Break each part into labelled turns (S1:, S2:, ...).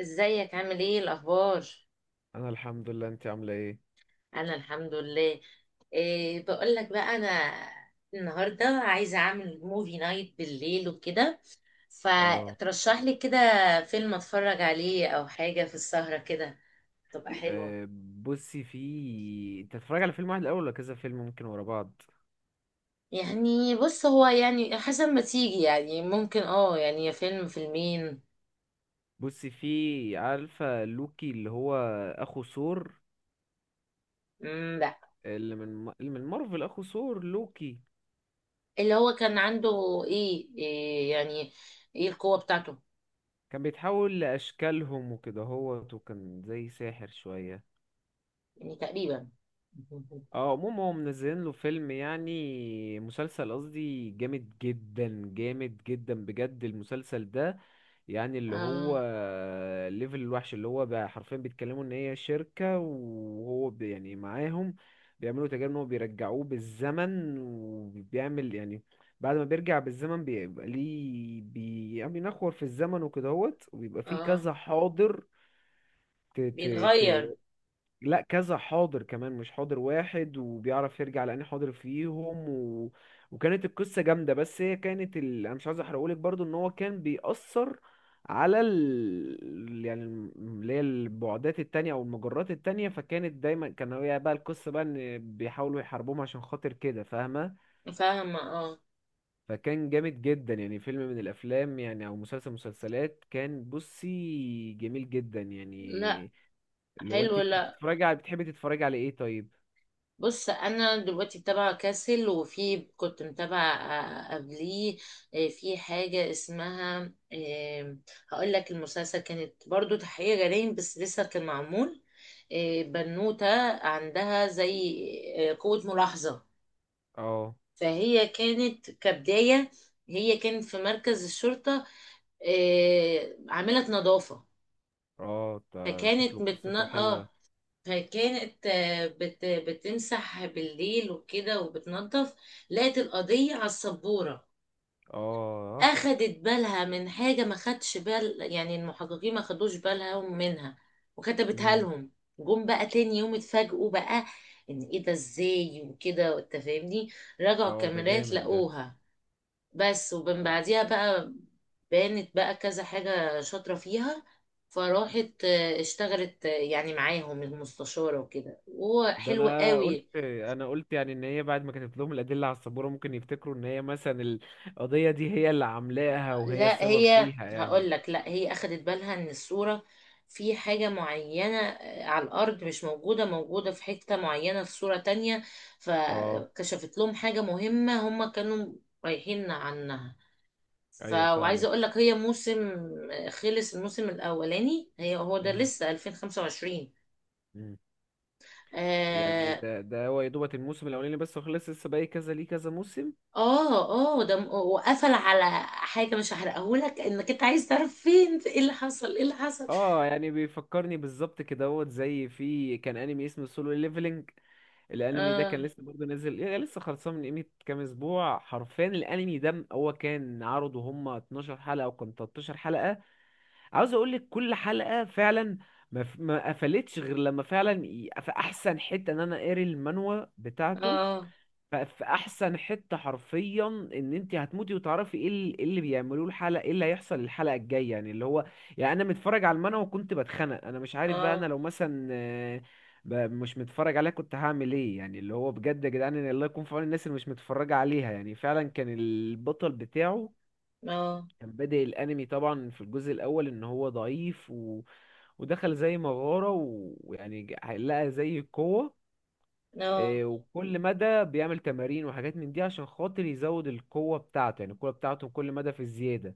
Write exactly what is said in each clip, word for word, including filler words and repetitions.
S1: ازيك عامل ايه الاخبار؟
S2: انا الحمد لله، انت عامله ايه؟
S1: انا الحمد لله. إيه، بقول لك بقى، انا النهارده عايزه اعمل موفي نايت بالليل وكده.
S2: اه.
S1: فترشح لي كده فيلم اتفرج عليه او حاجه في السهره كده تبقى حلوه.
S2: أه، بصي، في انت تتفرج على فيلم واحد الاول ولا كذا فيلم ممكن ورا بعض؟
S1: يعني بص، هو يعني حسب ما تيجي، يعني ممكن اه يعني يا فيلم فيلمين.
S2: بصي، في عارفه لوكي اللي هو اخو ثور؟
S1: مم، لا.
S2: اللي من اللي من مارفل، اخو ثور، لوكي.
S1: اللي هو كان عنده ايه, إيه يعني، ايه القوه بتاعته؟
S2: كان بيتحول لاشكالهم وكده، هو وكان زي ساحر شويه.
S1: يعني تقريبا.
S2: اه، عموما هم منزلين له فيلم يعني مسلسل قصدي، جامد جدا جامد جدا بجد المسلسل ده. يعني اللي
S1: اه.
S2: هو الليفل الوحش، اللي هو بقى حرفيا بيتكلموا ان هي شركة وهو بي- يعني معاهم. بيعملوا تجارب ان هو بيرجعوه بالزمن، وبيعمل يعني بعد ما بيرجع بالزمن بيبقى ليه بي يعني بينخور في الزمن وكدهوت، وبيبقى فيه
S1: اه.
S2: كذا حاضر. ت ت ت
S1: بيتغير.
S2: لا، كذا حاضر كمان، مش حاضر واحد، وبيعرف يرجع لأني حاضر فيهم و... وكانت القصة جامدة، بس هي كانت ال... أنا مش عايز أحرقهولك برضو، إن هو كان بيأثر على ال... يعني الم- اللي هي البعدات التانية أو المجرات التانية. فكانت دايما كان هي بقى القصة بقى إن بيحاولوا يحاربوهم عشان خاطر كده، فاهمة؟
S1: فاهمة، اه.
S2: فكان جامد جدا، يعني فيلم من الأفلام يعني أو مسلسل مسلسلات، كان بصي جميل جدا
S1: لا،
S2: يعني. اللي هو أنت
S1: حلو، لا.
S2: بتتفرجي على بتحبي تتفرجي على إيه طيب؟
S1: بص، انا دلوقتي متابعة كاسل، وفي كنت متابعة آه، قبليه. آه، في حاجة اسمها، آه، هقول لك المسلسل، كانت برضو تحقيق جرائم بس لسه كان معمول. آه، بنوتة عندها زي آه، قوة ملاحظة.
S2: اه.
S1: فهي كانت كبداية، هي كانت في مركز الشرطة، آه، عاملة نظافة.
S2: اه، ده
S1: فكانت
S2: شكله
S1: متن...
S2: قصته
S1: اه
S2: حلوة.
S1: فكانت آه، بت بتمسح بالليل وكده وبتنظف. لقت القضية على السبورة،
S2: اه.
S1: أخدت بالها من حاجة ما خدش بال، يعني المحققين ما خدوش بالهم منها، وكتبتها
S2: امم.
S1: لهم. جم بقى تاني يوم اتفاجئوا بقى، ان ايه ده ازاي وكده، انت فاهمني. رجعوا
S2: اه، ده
S1: الكاميرات
S2: جامد ده.
S1: لقوها. بس، ومن بعديها بقى بانت بقى كذا حاجة شاطرة فيها. فراحت آه، اشتغلت آه، يعني معاهم المستشارة وكده، وهو
S2: ده
S1: حلو
S2: انا قلت
S1: قوي.
S2: انا قلت يعني ان هي بعد ما كتبت لهم الادله على السبوره، ممكن يفتكروا ان هي مثلا القضيه دي هي اللي عاملاها وهي
S1: لا،
S2: السبب
S1: هي
S2: فيها يعني.
S1: هقول لك، لا هي اخدت بالها ان الصورة، في حاجة معينة آه، على الأرض مش موجودة، موجودة في حتة معينة في صورة تانية.
S2: اه،
S1: فكشفت لهم حاجة مهمة هم كانوا رايحين عنها. ف
S2: ايوه
S1: وعايزه
S2: فاهمك.
S1: اقول لك، هي موسم، آه، خلص الموسم الاولاني. هي هو ده
S2: امم.
S1: لسه ألفين وخمسة وعشرين.
S2: امم. يعني
S1: اه.
S2: ده ده هو يا دوبت الموسم الاولاني بس، وخلص لسه باقي كذا ليه كذا موسم.
S1: اه. آه، ده م- وقفل على حاجه مش هحرقهولك، انك انت عايز تعرف فين ايه اللي حصل، ايه اللي حصل.
S2: اه، يعني بيفكرني بالظبط كده، هو زي في كان انمي اسمه سولو ليفلنج. الانمي ده
S1: اه.
S2: كان لسه برضه نازل، يعني لسه خلصان من قيمه كام اسبوع حرفيا. الانمي ده هو كان عرضه هم 12 حلقه او كان 13 حلقه. عاوز اقول لك كل حلقه فعلا ما ف- ما قفلتش غير لما فعلا ي- في احسن حته، ان انا قاري المانوا بتاعته.
S1: اه.
S2: ف- في احسن حته حرفيا، ان انت هتموتي وتعرفي ايه ال- إيه اللي بيعملوه الحلقه، ايه اللي هيحصل الحلقه الجايه، يعني اللي هو يعني انا متفرج على المانهوا وكنت بتخنق. انا مش عارف بقى انا
S1: اه.
S2: لو مثلا آه، ب- مش متفرج عليها كنت هعمل ايه، يعني اللي هو بجد يا جدعان، إن الله يكون في عون الناس اللي مش متفرجه عليها. يعني فعلا كان البطل بتاعه
S1: اه.
S2: كان بادئ الانمي طبعا في الجزء الاول ان هو ضعيف و... ودخل زي مغاره و- ويعني ج- لقى زي قوه.
S1: اه.
S2: إيه، وكل مدى بيعمل تمارين وحاجات من دي عشان خاطر يزود القوة بتاعته، يعني القوة بتاعته كل مدى في الزيادة.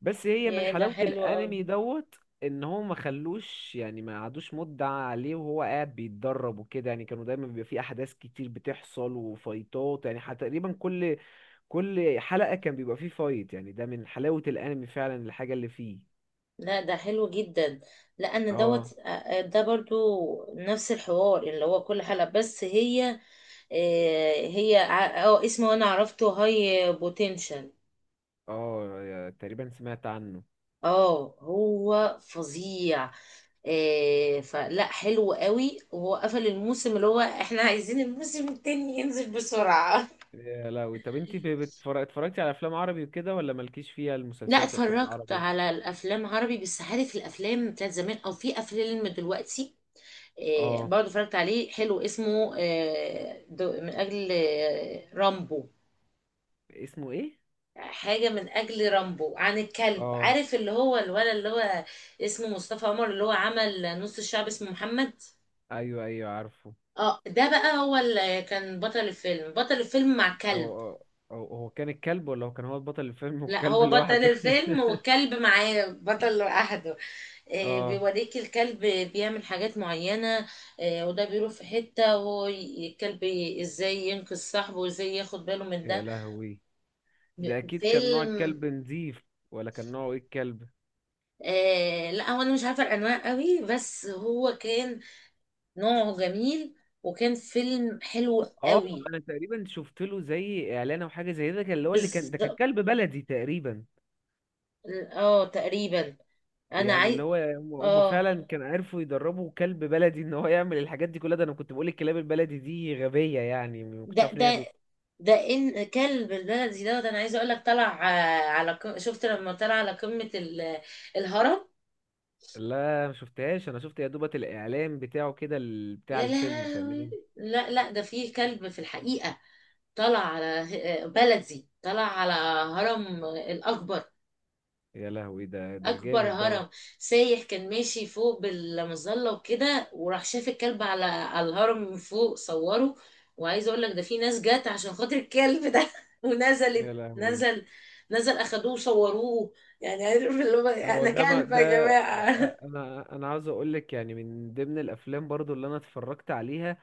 S2: بس هي من
S1: يا، ده
S2: حلاوة
S1: حلو قوي.
S2: الأنمي دوت، إن هو ما خلوش يعني ما قعدوش مدة عليه وهو قاعد بيتدرب وكده. يعني كانوا دايما بيبقى فيه أحداث كتير بتحصل وفايتات، يعني حتى تقريبا كل كل حلقة كان بيبقى فيه فايت، يعني ده من حلاوة الأنمي فعلا الحاجة اللي فيه.
S1: لا، ده حلو جدا. لا، انا
S2: اه.
S1: دوت. آه، آه، ده برضو نفس الحوار اللي هو كل حلقه، بس هي آه، هي ع- اه اسمه انا عرفته، هاي بوتنشال.
S2: اه، تقريبا سمعت عنه.
S1: اه، هو فظيع. آه، فلا، حلو قوي. وهو قفل الموسم، اللي هو احنا عايزين الموسم التاني ينزل بسرعة.
S2: يا لهوي. طب انت ب- بتفر- اتفرجتي على افلام عربي وكده ولا مالكيش فيها
S1: لا،
S2: المسلسلات وافلام
S1: اتفرجت
S2: العربي؟
S1: على الافلام عربي، بس عارف الافلام بتاعت زمان او في افلام دلوقتي، آه،
S2: اه.
S1: برضه اتفرجت عليه، حلو، اسمه آه، دو- من اجل آه، رامبو.
S2: اسمه ايه؟
S1: حاجة من أجل رامبو، عن الكلب،
S2: اه،
S1: عارف اللي هو الولد، اللي هو اسمه مصطفى عمر، اللي هو عمل نص الشعب، اسمه محمد.
S2: ايوه ايوه عارفه.
S1: اه، ده بقى هو اللي كان بطل الفيلم بطل الفيلم مع
S2: هو
S1: كلب.
S2: هو. هو- هو كان الكلب ولا هو كان هو البطل الفيلم
S1: لا،
S2: والكلب
S1: هو بطل
S2: لوحده؟
S1: الفيلم والكلب معاه بطل لوحده. آه،
S2: اه.
S1: بيوريك الكلب بيعمل حاجات معينة. آه، وده بيروح في حتة، وهو ي- الكلب ازاي ينقذ صاحبه، وازاي ياخد باله من
S2: يا
S1: ده.
S2: لهوي، ده اكيد كان نوع
S1: فيلم.
S2: الكلب نظيف، ولا كان نوعه ايه الكلب؟
S1: آه لا، هو انا مش عارفة الانواع قوي، بس هو كان نوعه جميل، وكان فيلم حلو
S2: اه،
S1: قوي.
S2: انا تقريبا شفت له زي اعلان او حاجه زي ده، كان اللي هو اللي كان ده كان
S1: بالظبط.
S2: كلب بلدي تقريبا.
S1: اه، تقريبا. انا
S2: يعني
S1: عايز.
S2: اللي هو هم هم
S1: اه
S2: فعلا كانوا عرفوا يدربوا كلب بلدي ان هو يعمل الحاجات دي كلها. ده انا كنت بقول الكلاب البلدي دي غبية، يعني ما كنتش
S1: ده
S2: عارف ان هي
S1: ده
S2: بت...
S1: ده ان كلب البلدي ده, ده انا عايزه اقول لك، طلع آه، على ق- شفت لما طلع على قمه ال- الهرم.
S2: لا، ما شفتهاش. انا شفت يا دوبة الاعلان بتاعه كده، ال- بتاع
S1: يا
S2: الفيلم،
S1: لهوي.
S2: فاهمني؟
S1: لا لا، ده فيه كلب في الحقيقه، طلع على آه، بلدي، طلع على هرم آه، الاكبر،
S2: يا لهوي، ده ده
S1: اكبر
S2: جامد دوت.
S1: هرم. سايح كان ماشي فوق بالمظله وكده، وراح شاف الكلب على على الهرم من فوق، صوره. وعايزه اقول لك ده في ناس جت عشان خاطر الكلب ده.
S2: يا
S1: ونزلت
S2: لهوي.
S1: نزل نزل اخدوه وصوروه. يعني عارف اللي هو،
S2: هو
S1: انا
S2: ده ما
S1: كلب يا
S2: ده أ-
S1: جماعه.
S2: أ- انا انا عاوز اقول لك، يعني من ضمن الافلام برضو اللي انا اتفرجت عليها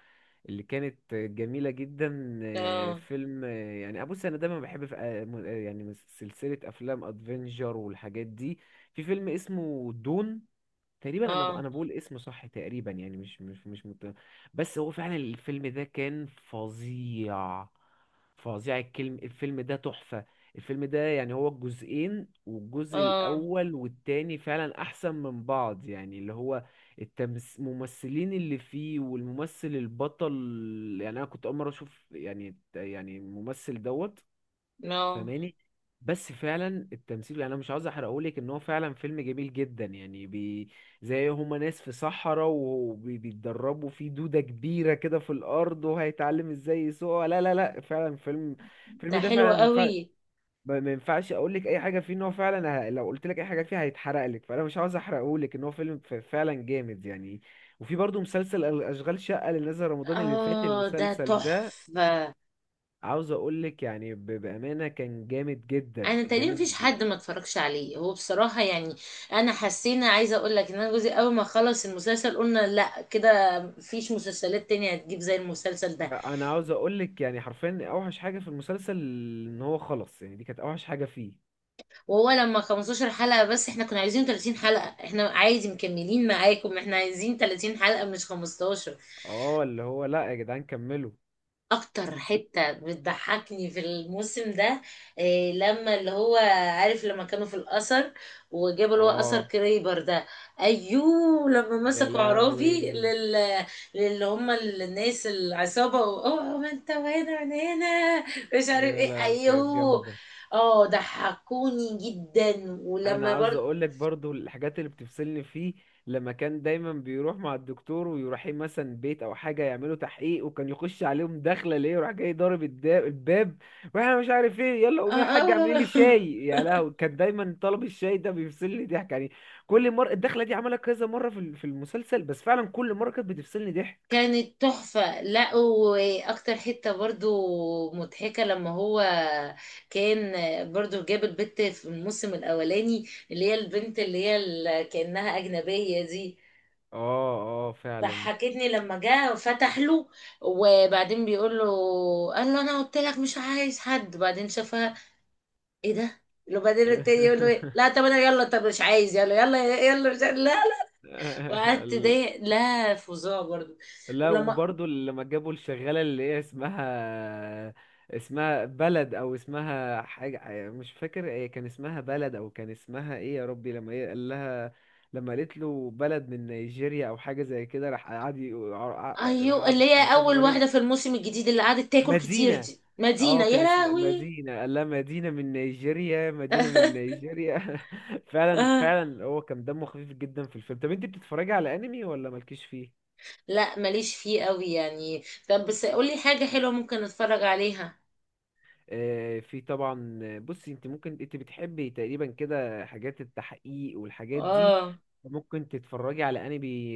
S2: اللي كانت جميلة جدا، آه،
S1: اه.
S2: فيلم آه، يعني أبص، أنا دايما بحب في آه، م- آه، يعني سلسلة أفلام أدفنجر والحاجات دي. في فيلم اسمه دون، تقريبا انا ب...
S1: اه.
S2: انا بقول اسمه صح تقريبا، يعني مش مش مش مت... بس هو فعلا الفيلم ده كان فظيع، فظيع الكلم. الفيلم ده تحفة. الفيلم ده يعني هو الجزئين، والجزء
S1: اه.
S2: الاول والتاني فعلا احسن من بعض، يعني اللي هو التمس... الممثلين اللي فيه والممثل البطل، يعني انا كنت اول مرة اشوف يعني يعني الممثل دوت،
S1: نو.
S2: فاهماني؟ بس فعلا التمثيل، يعني انا مش عاوز احرقهولك، ان هو فعلا فيلم جميل جدا يعني، بي زي هما ناس في صحراء وبيتدربوا في دودة كبيرة كده في الارض وهيتعلم ازاي يسوقها. لا لا لا، فعلا فيلم، الفيلم
S1: ده
S2: ده
S1: حلو
S2: فعلا ما ينفع-
S1: قوي.
S2: ما- ما ينفعش اقول لك اي حاجة فيه، ان هو فعلا ه- لو قلت لك اي حاجة فيه هيتحرق لك، فانا مش عاوز احرقهولك، ان هو فيلم ف- فعلا جامد يعني. وفي برضه مسلسل اشغال شقة اللي نزل رمضان اللي فات،
S1: اه، ده
S2: المسلسل ده
S1: تحفه.
S2: عاوز اقول لك يعني ب- بامانه كان جامد جدا
S1: انا تقريبا
S2: جامد
S1: مفيش
S2: ب-
S1: حد ما اتفرجش عليه، هو بصراحه يعني. انا حسينا عايزه اقول لك ان انا جوزي اول ما خلص المسلسل قلنا، لا كده مفيش مسلسلات تانية هتجيب زي المسلسل ده.
S2: انا عاوز اقول لك يعني حرفيا، اوحش حاجه في المسلسل ان هو خلص. يعني دي كانت اوحش حاجه فيه.
S1: وهو لما خمستاشر حلقة حلقه بس، احنا كنا عايزين تلاتين حلقة حلقه. احنا عادي مكملين معاكم، احنا عايزين ثلاثين حلقة حلقه مش خمستاشر.
S2: اه، اللي هو لا يا جدعان كملوا.
S1: اكتر حتة بتضحكني في الموسم ده، إيه لما اللي هو، عارف لما كانوا في الأثر وجابوا اللي هو
S2: اه.
S1: أثر كريبر ده، ايوه لما
S2: يا
S1: مسكوا عرافي
S2: لهوي.
S1: لل للي هم الناس العصابة، و- اوه، ما انت وهنا وانا هنا، مش عارف
S2: يا
S1: ايه،
S2: لهوي، كانت
S1: ايوه.
S2: جامده.
S1: اه، ضحكوني جدا.
S2: انا
S1: ولما
S2: عاوز
S1: برضه
S2: اقول لك برضو الحاجات اللي بتفصلني فيه، لما كان دايما بيروح مع الدكتور ويروح مثلا بيت او حاجه يعملوا تحقيق، وكان يخش عليهم داخله ليه وراح جاي ضارب الدا- الباب، واحنا مش عارف ايه، يلا
S1: آه
S2: قومي يا حاجه اعملي
S1: آه
S2: لي شاي. يا لهوي، كان دايما طلب الشاي ده بيفصلني ضحك يعني. كل مره الدخله دي عملها كذا مره في ال- في المسلسل، بس فعلا كل مره كانت بتفصلني ضحك.
S1: كانت تحفة. لا، وأكتر حتة برضو مضحكة لما هو كان، برضو جاب البت في الموسم الأولاني، اللي هي البنت اللي هي ال- كأنها أجنبية دي.
S2: اه. اه فعلا.
S1: ضحكتني لما جه فتح له، وبعدين بيقول له، قال له أنا قلت لك مش عايز حد، وبعدين شافها، إيه ده، وبعدين التاني يقول له إيه؟ لا طب انا، يلا طب مش عايز، يلا يلا يلا، مش عايز لا. وقعدت ضايق، لا، فظاع برضو.
S2: لا،
S1: ولما
S2: وبرضه لما جابوا الشغالة اللي هي اسمها، اسمها بلد او اسمها حاجة مش فاكر، هي كان اسمها بلد او كان اسمها ايه يا ربي، لما هي قال لها، لما قالت له بلد من نيجيريا او حاجة زي كده، راح قعد يقول- راح
S1: ايوه،
S2: قعد
S1: اللي هي
S2: مصطفى
S1: اول
S2: غريب.
S1: واحده في الموسم الجديد اللي قعدت تاكل كتير
S2: مدينة،
S1: دي، مدينه،
S2: اه كان
S1: يا
S2: اسمها
S1: لهوي.
S2: مدينة، قال لها مدينة من نيجيريا، مدينة من نيجيريا. فعلا
S1: آه.
S2: فعلا هو كان دمه خفيف جدا في الفيلم. طب انت بتتفرجي على انمي ولا مالكيش فيه؟
S1: لا، ماليش فيه قوي يعني. طب بس قولي حاجه حلوه ممكن اتفرج عليها.
S2: آه، في طبعا. آه، بصي، انت ممكن انت بتحبي تقريبا كده حاجات التحقيق والحاجات دي،
S1: اه.
S2: ممكن تتفرجي على انمي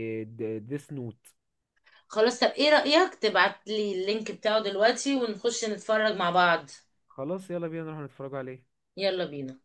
S2: ديس نوت.
S1: خلاص، طب ايه رايك تبعت لي اللينك بتاعه دلوقتي ونخش نتفرج مع بعض؟
S2: خلاص، يلا بينا نروح نتفرجوا عليه.
S1: يلا بينا.